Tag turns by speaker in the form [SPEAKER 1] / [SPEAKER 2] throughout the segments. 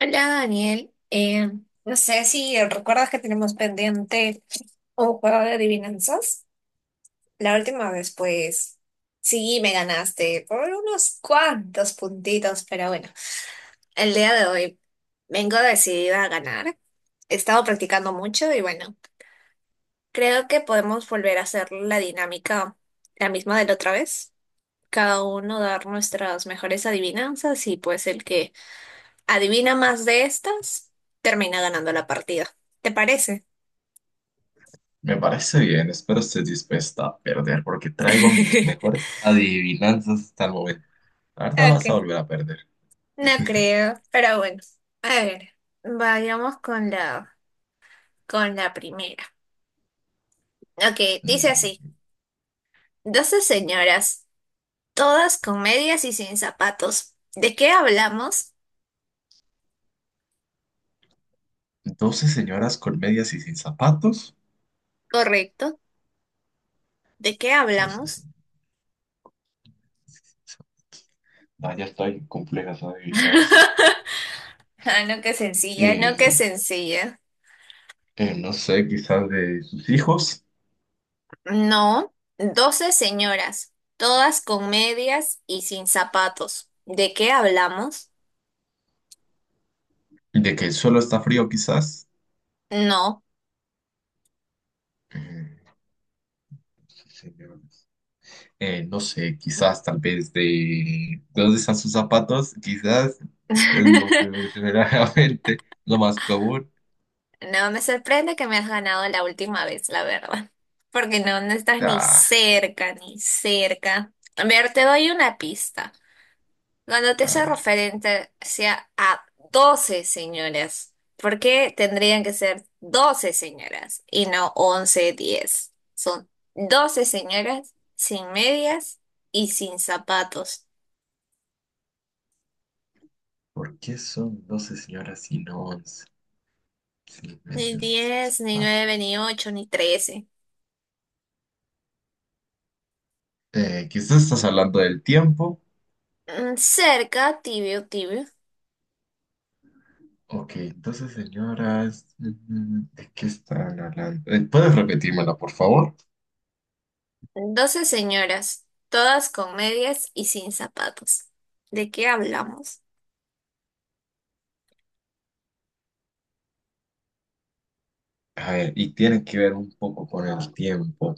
[SPEAKER 1] Hola, Daniel. No sé si recuerdas que tenemos pendiente un juego de adivinanzas. La última vez, pues sí, me ganaste por unos cuantos puntitos, pero bueno, el día de hoy vengo decidida a ganar. He estado practicando mucho y bueno, creo que podemos volver a hacer la dinámica, la misma de la otra vez. Cada uno dar nuestras mejores adivinanzas y pues el que adivina más de estas, termina ganando la partida. ¿Te parece?
[SPEAKER 2] Me parece bien, espero estés dispuesta a perder porque traigo mis mejores adivinanzas hasta el momento. Ahorita vas a
[SPEAKER 1] Ok,
[SPEAKER 2] volver a perder.
[SPEAKER 1] no creo, pero bueno. A ver, vayamos con la primera. Ok, dice
[SPEAKER 2] Dale.
[SPEAKER 1] así. 12 señoras, todas con medias y sin zapatos. ¿De qué hablamos?
[SPEAKER 2] 12 señoras con medias y sin zapatos.
[SPEAKER 1] Correcto. ¿De qué
[SPEAKER 2] 12
[SPEAKER 1] hablamos?
[SPEAKER 2] señoras. Ah, ya estoy complejas adivinas.
[SPEAKER 1] Ah, no, qué sencilla, no, qué
[SPEAKER 2] Eh,
[SPEAKER 1] sencilla.
[SPEAKER 2] no sé, quizás de sus hijos.
[SPEAKER 1] No, doce señoras, todas con medias y sin zapatos. ¿De qué hablamos?
[SPEAKER 2] De que el suelo está frío, quizás.
[SPEAKER 1] No.
[SPEAKER 2] Eh, sí, señor. No sé, quizás tal vez de dónde están sus zapatos, quizás es lo primero que se me viene a la mente, lo más común.
[SPEAKER 1] No me sorprende que me has ganado la última vez, la verdad. Porque no, no estás ni
[SPEAKER 2] Ah,
[SPEAKER 1] cerca, ni cerca. A ver, te doy una pista. Cuando te
[SPEAKER 2] a
[SPEAKER 1] hace
[SPEAKER 2] ver,
[SPEAKER 1] referencia a 12 señoras, ¿por qué tendrían que ser 12 señoras y no 11, 10? Son 12 señoras sin medias y sin zapatos.
[SPEAKER 2] ¿por qué son 12 señoras y no 11? Sí, me
[SPEAKER 1] Ni 10, ni
[SPEAKER 2] ah,
[SPEAKER 1] nueve, ni 8, ni 13.
[SPEAKER 2] quizás estás hablando del tiempo.
[SPEAKER 1] Mm, cerca, tibio, tibio.
[SPEAKER 2] Ok, entonces señoras, ¿de qué están hablando? ¿Puedes repetírmela, por favor?
[SPEAKER 1] 12 señoras, todas con medias y sin zapatos. ¿De qué hablamos?
[SPEAKER 2] A ver, y tiene que ver un poco con el tiempo.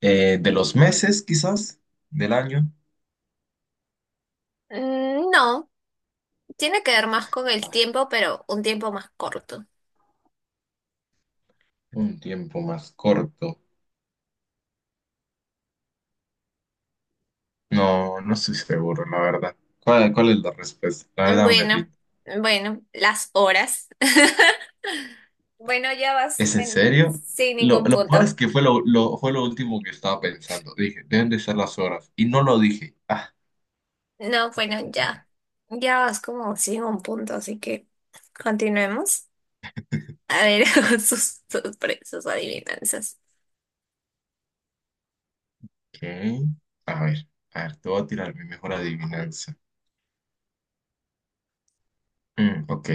[SPEAKER 2] ¿De los meses, quizás? ¿Del año?
[SPEAKER 1] Mm, no, tiene que ver más con el tiempo, pero un tiempo más corto.
[SPEAKER 2] Un tiempo más corto. No, no estoy seguro, la verdad. ¿Cuál es la respuesta? La verdad me
[SPEAKER 1] Bueno,
[SPEAKER 2] rindo.
[SPEAKER 1] bueno, las horas. Bueno, ya vas
[SPEAKER 2] ¿Es en
[SPEAKER 1] men,
[SPEAKER 2] serio?
[SPEAKER 1] sin
[SPEAKER 2] Lo,
[SPEAKER 1] ningún
[SPEAKER 2] lo peor es
[SPEAKER 1] punto.
[SPEAKER 2] que fue fue lo último que estaba pensando. Dije, deben de ser las horas. Y no lo dije. Ah,
[SPEAKER 1] No, bueno, ya. Ya vas como sin un punto, así que continuemos. A ver, sus adivinanzas.
[SPEAKER 2] ¿qué? A ver, a ver, te voy a tirar mi mejor adivinanza. Mm, ok.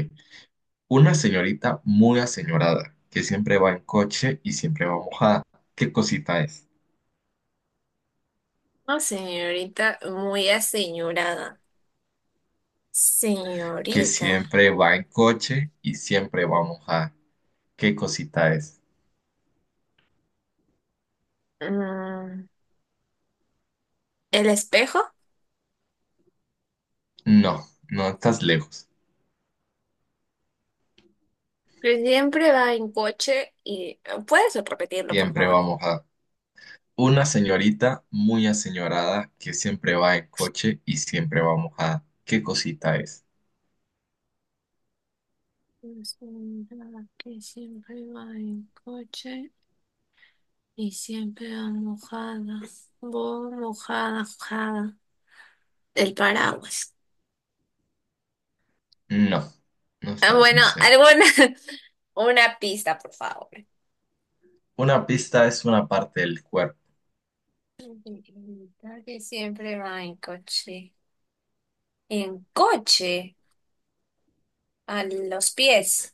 [SPEAKER 2] Una señorita muy aseñorada, que siempre va en coche y siempre va mojada. ¿Qué cosita es?
[SPEAKER 1] No, señorita, muy aseñorada.
[SPEAKER 2] Que
[SPEAKER 1] Señorita.
[SPEAKER 2] siempre va en coche y siempre va mojada. ¿Qué cosita es?
[SPEAKER 1] mm, ¿El espejo?
[SPEAKER 2] No, no estás lejos.
[SPEAKER 1] Que siempre va en coche y... ¿Puedes repetirlo, por
[SPEAKER 2] Siempre
[SPEAKER 1] favor?
[SPEAKER 2] vamos a una señorita muy aseñorada que siempre va en coche y siempre vamos a... ¿Qué cosita es?
[SPEAKER 1] Es una que siempre va en coche y siempre va mojada. Voy mojada, mojada. El paraguas.
[SPEAKER 2] No, no
[SPEAKER 1] Ah,
[SPEAKER 2] estás
[SPEAKER 1] bueno,
[SPEAKER 2] ni cerca.
[SPEAKER 1] alguna, una pista, por favor.
[SPEAKER 2] Una pista es una parte del cuerpo.
[SPEAKER 1] Una que siempre va en coche. En coche, a los pies,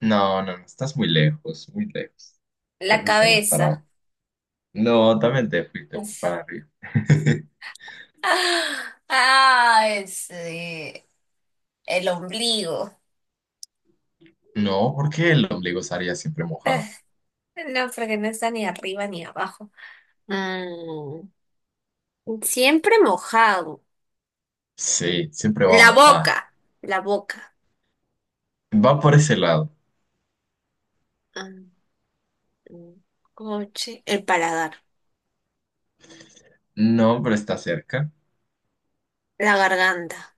[SPEAKER 2] No, estás muy lejos, muy lejos. Te
[SPEAKER 1] la
[SPEAKER 2] fuiste muy para
[SPEAKER 1] cabeza.
[SPEAKER 2] abajo. No, también te fuiste muy
[SPEAKER 1] Es-
[SPEAKER 2] para arriba.
[SPEAKER 1] ah, ese, el ombligo.
[SPEAKER 2] No, porque el ombligo estaría siempre
[SPEAKER 1] Ah,
[SPEAKER 2] mojado.
[SPEAKER 1] no, porque no está ni arriba ni abajo. Mm. Siempre mojado.
[SPEAKER 2] Sí, siempre va
[SPEAKER 1] La
[SPEAKER 2] mojada.
[SPEAKER 1] boca, la boca.
[SPEAKER 2] Va por ese lado.
[SPEAKER 1] Ah, mm, coche, el paladar,
[SPEAKER 2] No, pero está cerca.
[SPEAKER 1] la garganta.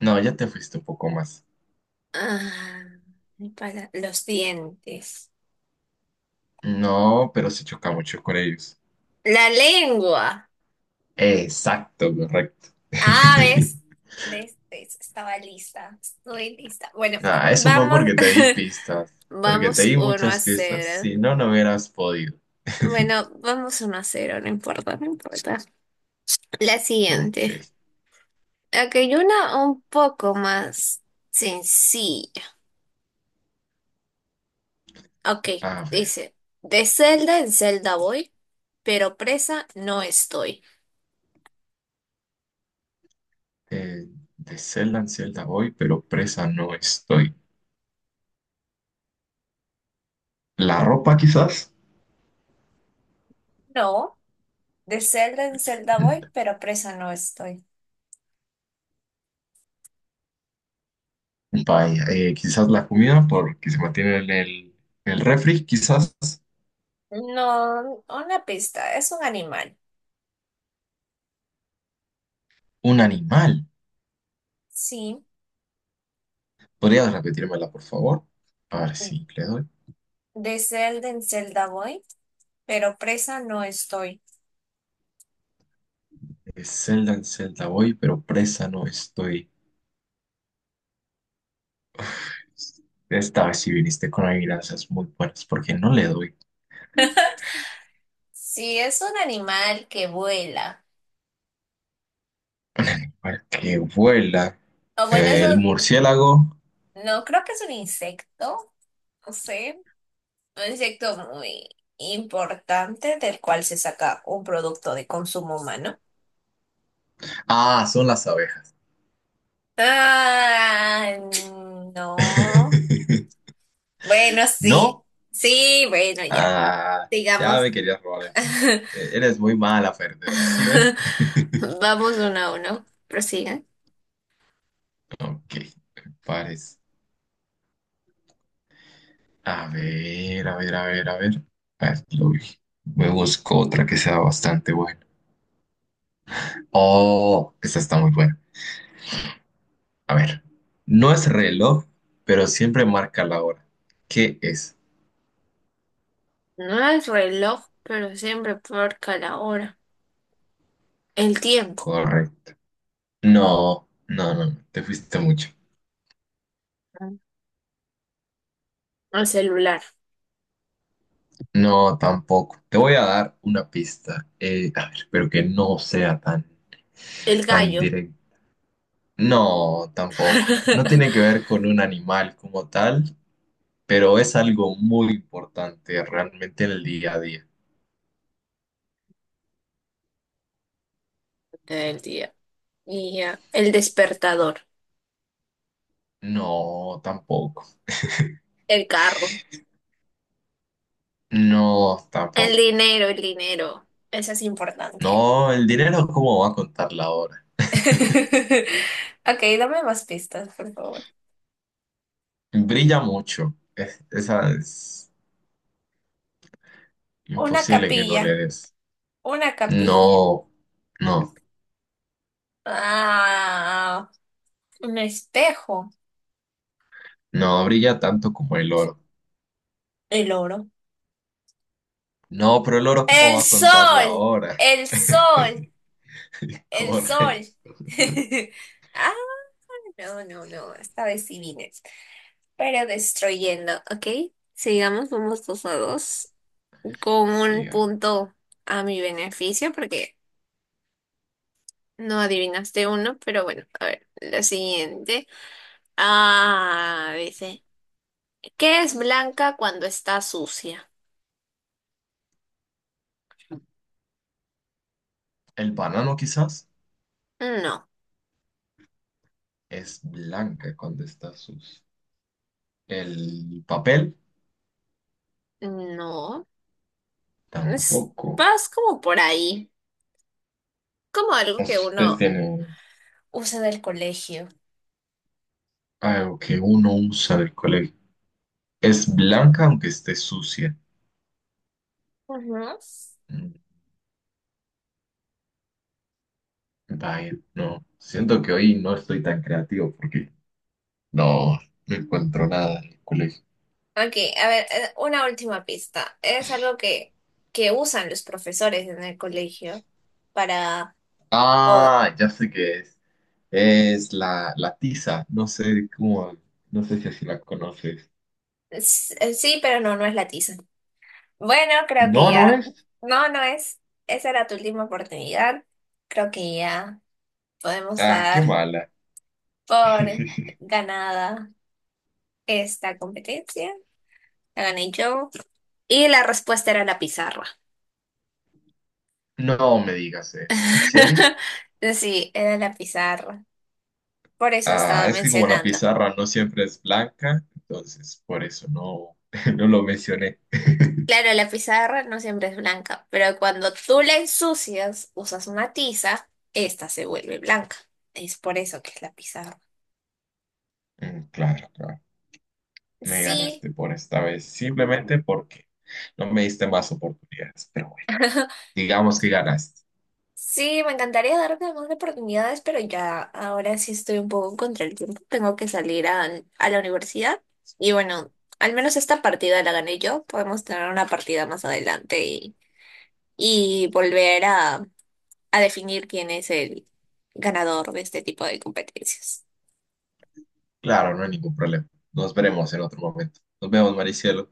[SPEAKER 2] No, ya te fuiste un poco más.
[SPEAKER 1] Ah, los dientes.
[SPEAKER 2] No, pero se choca mucho con ellos.
[SPEAKER 1] La lengua.
[SPEAKER 2] Exacto, correcto.
[SPEAKER 1] Ah, ¿ves? ¿Ves? ¿Ves? Estaba lista. Estoy lista. Bueno,
[SPEAKER 2] Nada, eso fue
[SPEAKER 1] vamos.
[SPEAKER 2] porque te di pistas, porque te
[SPEAKER 1] Vamos
[SPEAKER 2] di
[SPEAKER 1] uno a
[SPEAKER 2] muchas pistas.
[SPEAKER 1] cero
[SPEAKER 2] Si no, no hubieras podido.
[SPEAKER 1] Bueno, vamos 1-0, no importa, no importa. La siguiente.
[SPEAKER 2] Ok,
[SPEAKER 1] Ok, una un poco más sencilla. Ok,
[SPEAKER 2] a ver.
[SPEAKER 1] dice, de celda en celda voy, pero presa no estoy.
[SPEAKER 2] eh, de celda en celda voy, pero presa no estoy. ¿La ropa quizás?
[SPEAKER 1] No, de celda en celda
[SPEAKER 2] Mm,
[SPEAKER 1] voy, pero presa no estoy.
[SPEAKER 2] vaya, quizás la comida porque se mantiene en en el refri, quizás
[SPEAKER 1] No, una pista, es un animal.
[SPEAKER 2] un animal.
[SPEAKER 1] Sí,
[SPEAKER 2] ¿Podrías repetírmela, por favor? A ver si le doy.
[SPEAKER 1] de celda en celda voy, pero presa no estoy.
[SPEAKER 2] De celda en celda voy, pero presa no estoy. Esta vez si viniste con adivinanzas muy buenas, porque no le doy.
[SPEAKER 1] Sí, es un animal que vuela.
[SPEAKER 2] Al que vuela,
[SPEAKER 1] O bueno, eso,
[SPEAKER 2] el murciélago.
[SPEAKER 1] no creo que es un insecto, no sé, un insecto muy importante del cual se saca un producto de consumo humano.
[SPEAKER 2] Ah, son las abejas.
[SPEAKER 1] Ah, no. Bueno, sí.
[SPEAKER 2] ¿No?
[SPEAKER 1] Sí, bueno, ya.
[SPEAKER 2] Ah, ya
[SPEAKER 1] Sigamos.
[SPEAKER 2] me querías robar el punto. Eres muy mala, perdedora, ¿sí ves?
[SPEAKER 1] Vamos 1-1. Prosigan.
[SPEAKER 2] Ok, pares. A ver. A ver, lo vi. Me busco otra que sea bastante buena. Oh, esta está muy buena. A ver, no es reloj, pero siempre marca la hora. ¿Qué es?
[SPEAKER 1] No el reloj, pero siempre porca la hora. El tiempo,
[SPEAKER 2] Correcto. No, te fuiste mucho.
[SPEAKER 1] el celular,
[SPEAKER 2] No, tampoco. Te voy a dar una pista. A ver, pero que no sea tan,
[SPEAKER 1] el
[SPEAKER 2] tan
[SPEAKER 1] gallo
[SPEAKER 2] directo. No, tampoco. No tiene que ver con un animal como tal, pero es algo muy importante realmente en el día a día.
[SPEAKER 1] el día y ya, el despertador,
[SPEAKER 2] No, tampoco.
[SPEAKER 1] el carro,
[SPEAKER 2] No,
[SPEAKER 1] el
[SPEAKER 2] tampoco.
[SPEAKER 1] dinero, el dinero. Eso es importante.
[SPEAKER 2] No, el dinero, ¿cómo va a contar la hora?
[SPEAKER 1] Ok, dame más pistas, por favor.
[SPEAKER 2] Brilla mucho. Esa es
[SPEAKER 1] Una
[SPEAKER 2] imposible que no le
[SPEAKER 1] capilla,
[SPEAKER 2] des.
[SPEAKER 1] una capilla.
[SPEAKER 2] No, no,
[SPEAKER 1] Ah, un espejo.
[SPEAKER 2] no brilla tanto como el oro.
[SPEAKER 1] El oro.
[SPEAKER 2] No, pero el oro, ¿cómo
[SPEAKER 1] El
[SPEAKER 2] va a contar la
[SPEAKER 1] sol,
[SPEAKER 2] hora?
[SPEAKER 1] el sol, el sol.
[SPEAKER 2] Corre.
[SPEAKER 1] Ah, no, no, no, esta vez sí vine. Pero destruyendo, ¿ok? Sigamos, vamos 2-2. Con un
[SPEAKER 2] Sí, ah.
[SPEAKER 1] punto a mi beneficio, porque no adivinaste uno, pero bueno, a ver, la siguiente. Ah, dice, ¿qué es blanca cuando está sucia?
[SPEAKER 2] El banano quizás
[SPEAKER 1] No,
[SPEAKER 2] es blanca cuando está sucio. El papel
[SPEAKER 1] no. Es,
[SPEAKER 2] tampoco.
[SPEAKER 1] vas como por ahí, como algo que
[SPEAKER 2] Ustedes
[SPEAKER 1] uno
[SPEAKER 2] tienen
[SPEAKER 1] usa del colegio.
[SPEAKER 2] algo que uno usa del colegio. Es blanca aunque esté sucia.
[SPEAKER 1] Ujú.
[SPEAKER 2] Vaya, no, siento que hoy no estoy tan creativo porque no, no encuentro nada en el colegio.
[SPEAKER 1] Ok, a ver, una última pista. Es algo que usan los profesores en el colegio para... po-
[SPEAKER 2] Ah, ya sé qué es. Es la tiza. No sé cómo, no sé si así la conoces.
[SPEAKER 1] Sí, pero no, no es la tiza. Bueno, creo que
[SPEAKER 2] No, no
[SPEAKER 1] ya...
[SPEAKER 2] es.
[SPEAKER 1] No, no es. Esa era tu última oportunidad. Creo que ya podemos
[SPEAKER 2] Ah, qué
[SPEAKER 1] dar
[SPEAKER 2] mala.
[SPEAKER 1] por ganada esta competencia. La gané yo. Y la respuesta era la pizarra.
[SPEAKER 2] No me digas eso, ¿es en serio?
[SPEAKER 1] Sí, era la pizarra. Por eso
[SPEAKER 2] Ah,
[SPEAKER 1] estaba
[SPEAKER 2] es que como la
[SPEAKER 1] mencionando.
[SPEAKER 2] pizarra no siempre es blanca, entonces por eso no, no lo mencioné.
[SPEAKER 1] Claro, la pizarra no siempre es blanca, pero cuando tú la ensucias, usas una tiza, esta se vuelve blanca. Es por eso que es la pizarra.
[SPEAKER 2] Mm, claro, claro. Me
[SPEAKER 1] Sí,
[SPEAKER 2] ganaste por esta vez, simplemente porque no me diste más oportunidades. Pero bueno, digamos que ganaste.
[SPEAKER 1] sí, me encantaría darme más oportunidades, pero ya ahora sí estoy un poco contra el tiempo. Tengo que salir a la universidad. Y bueno, al menos esta partida la gané yo. Podemos tener una partida más adelante y volver a definir quién es el ganador de este tipo de competencias.
[SPEAKER 2] Claro, no hay ningún problema. Nos veremos en otro momento. Nos vemos, Maricielo.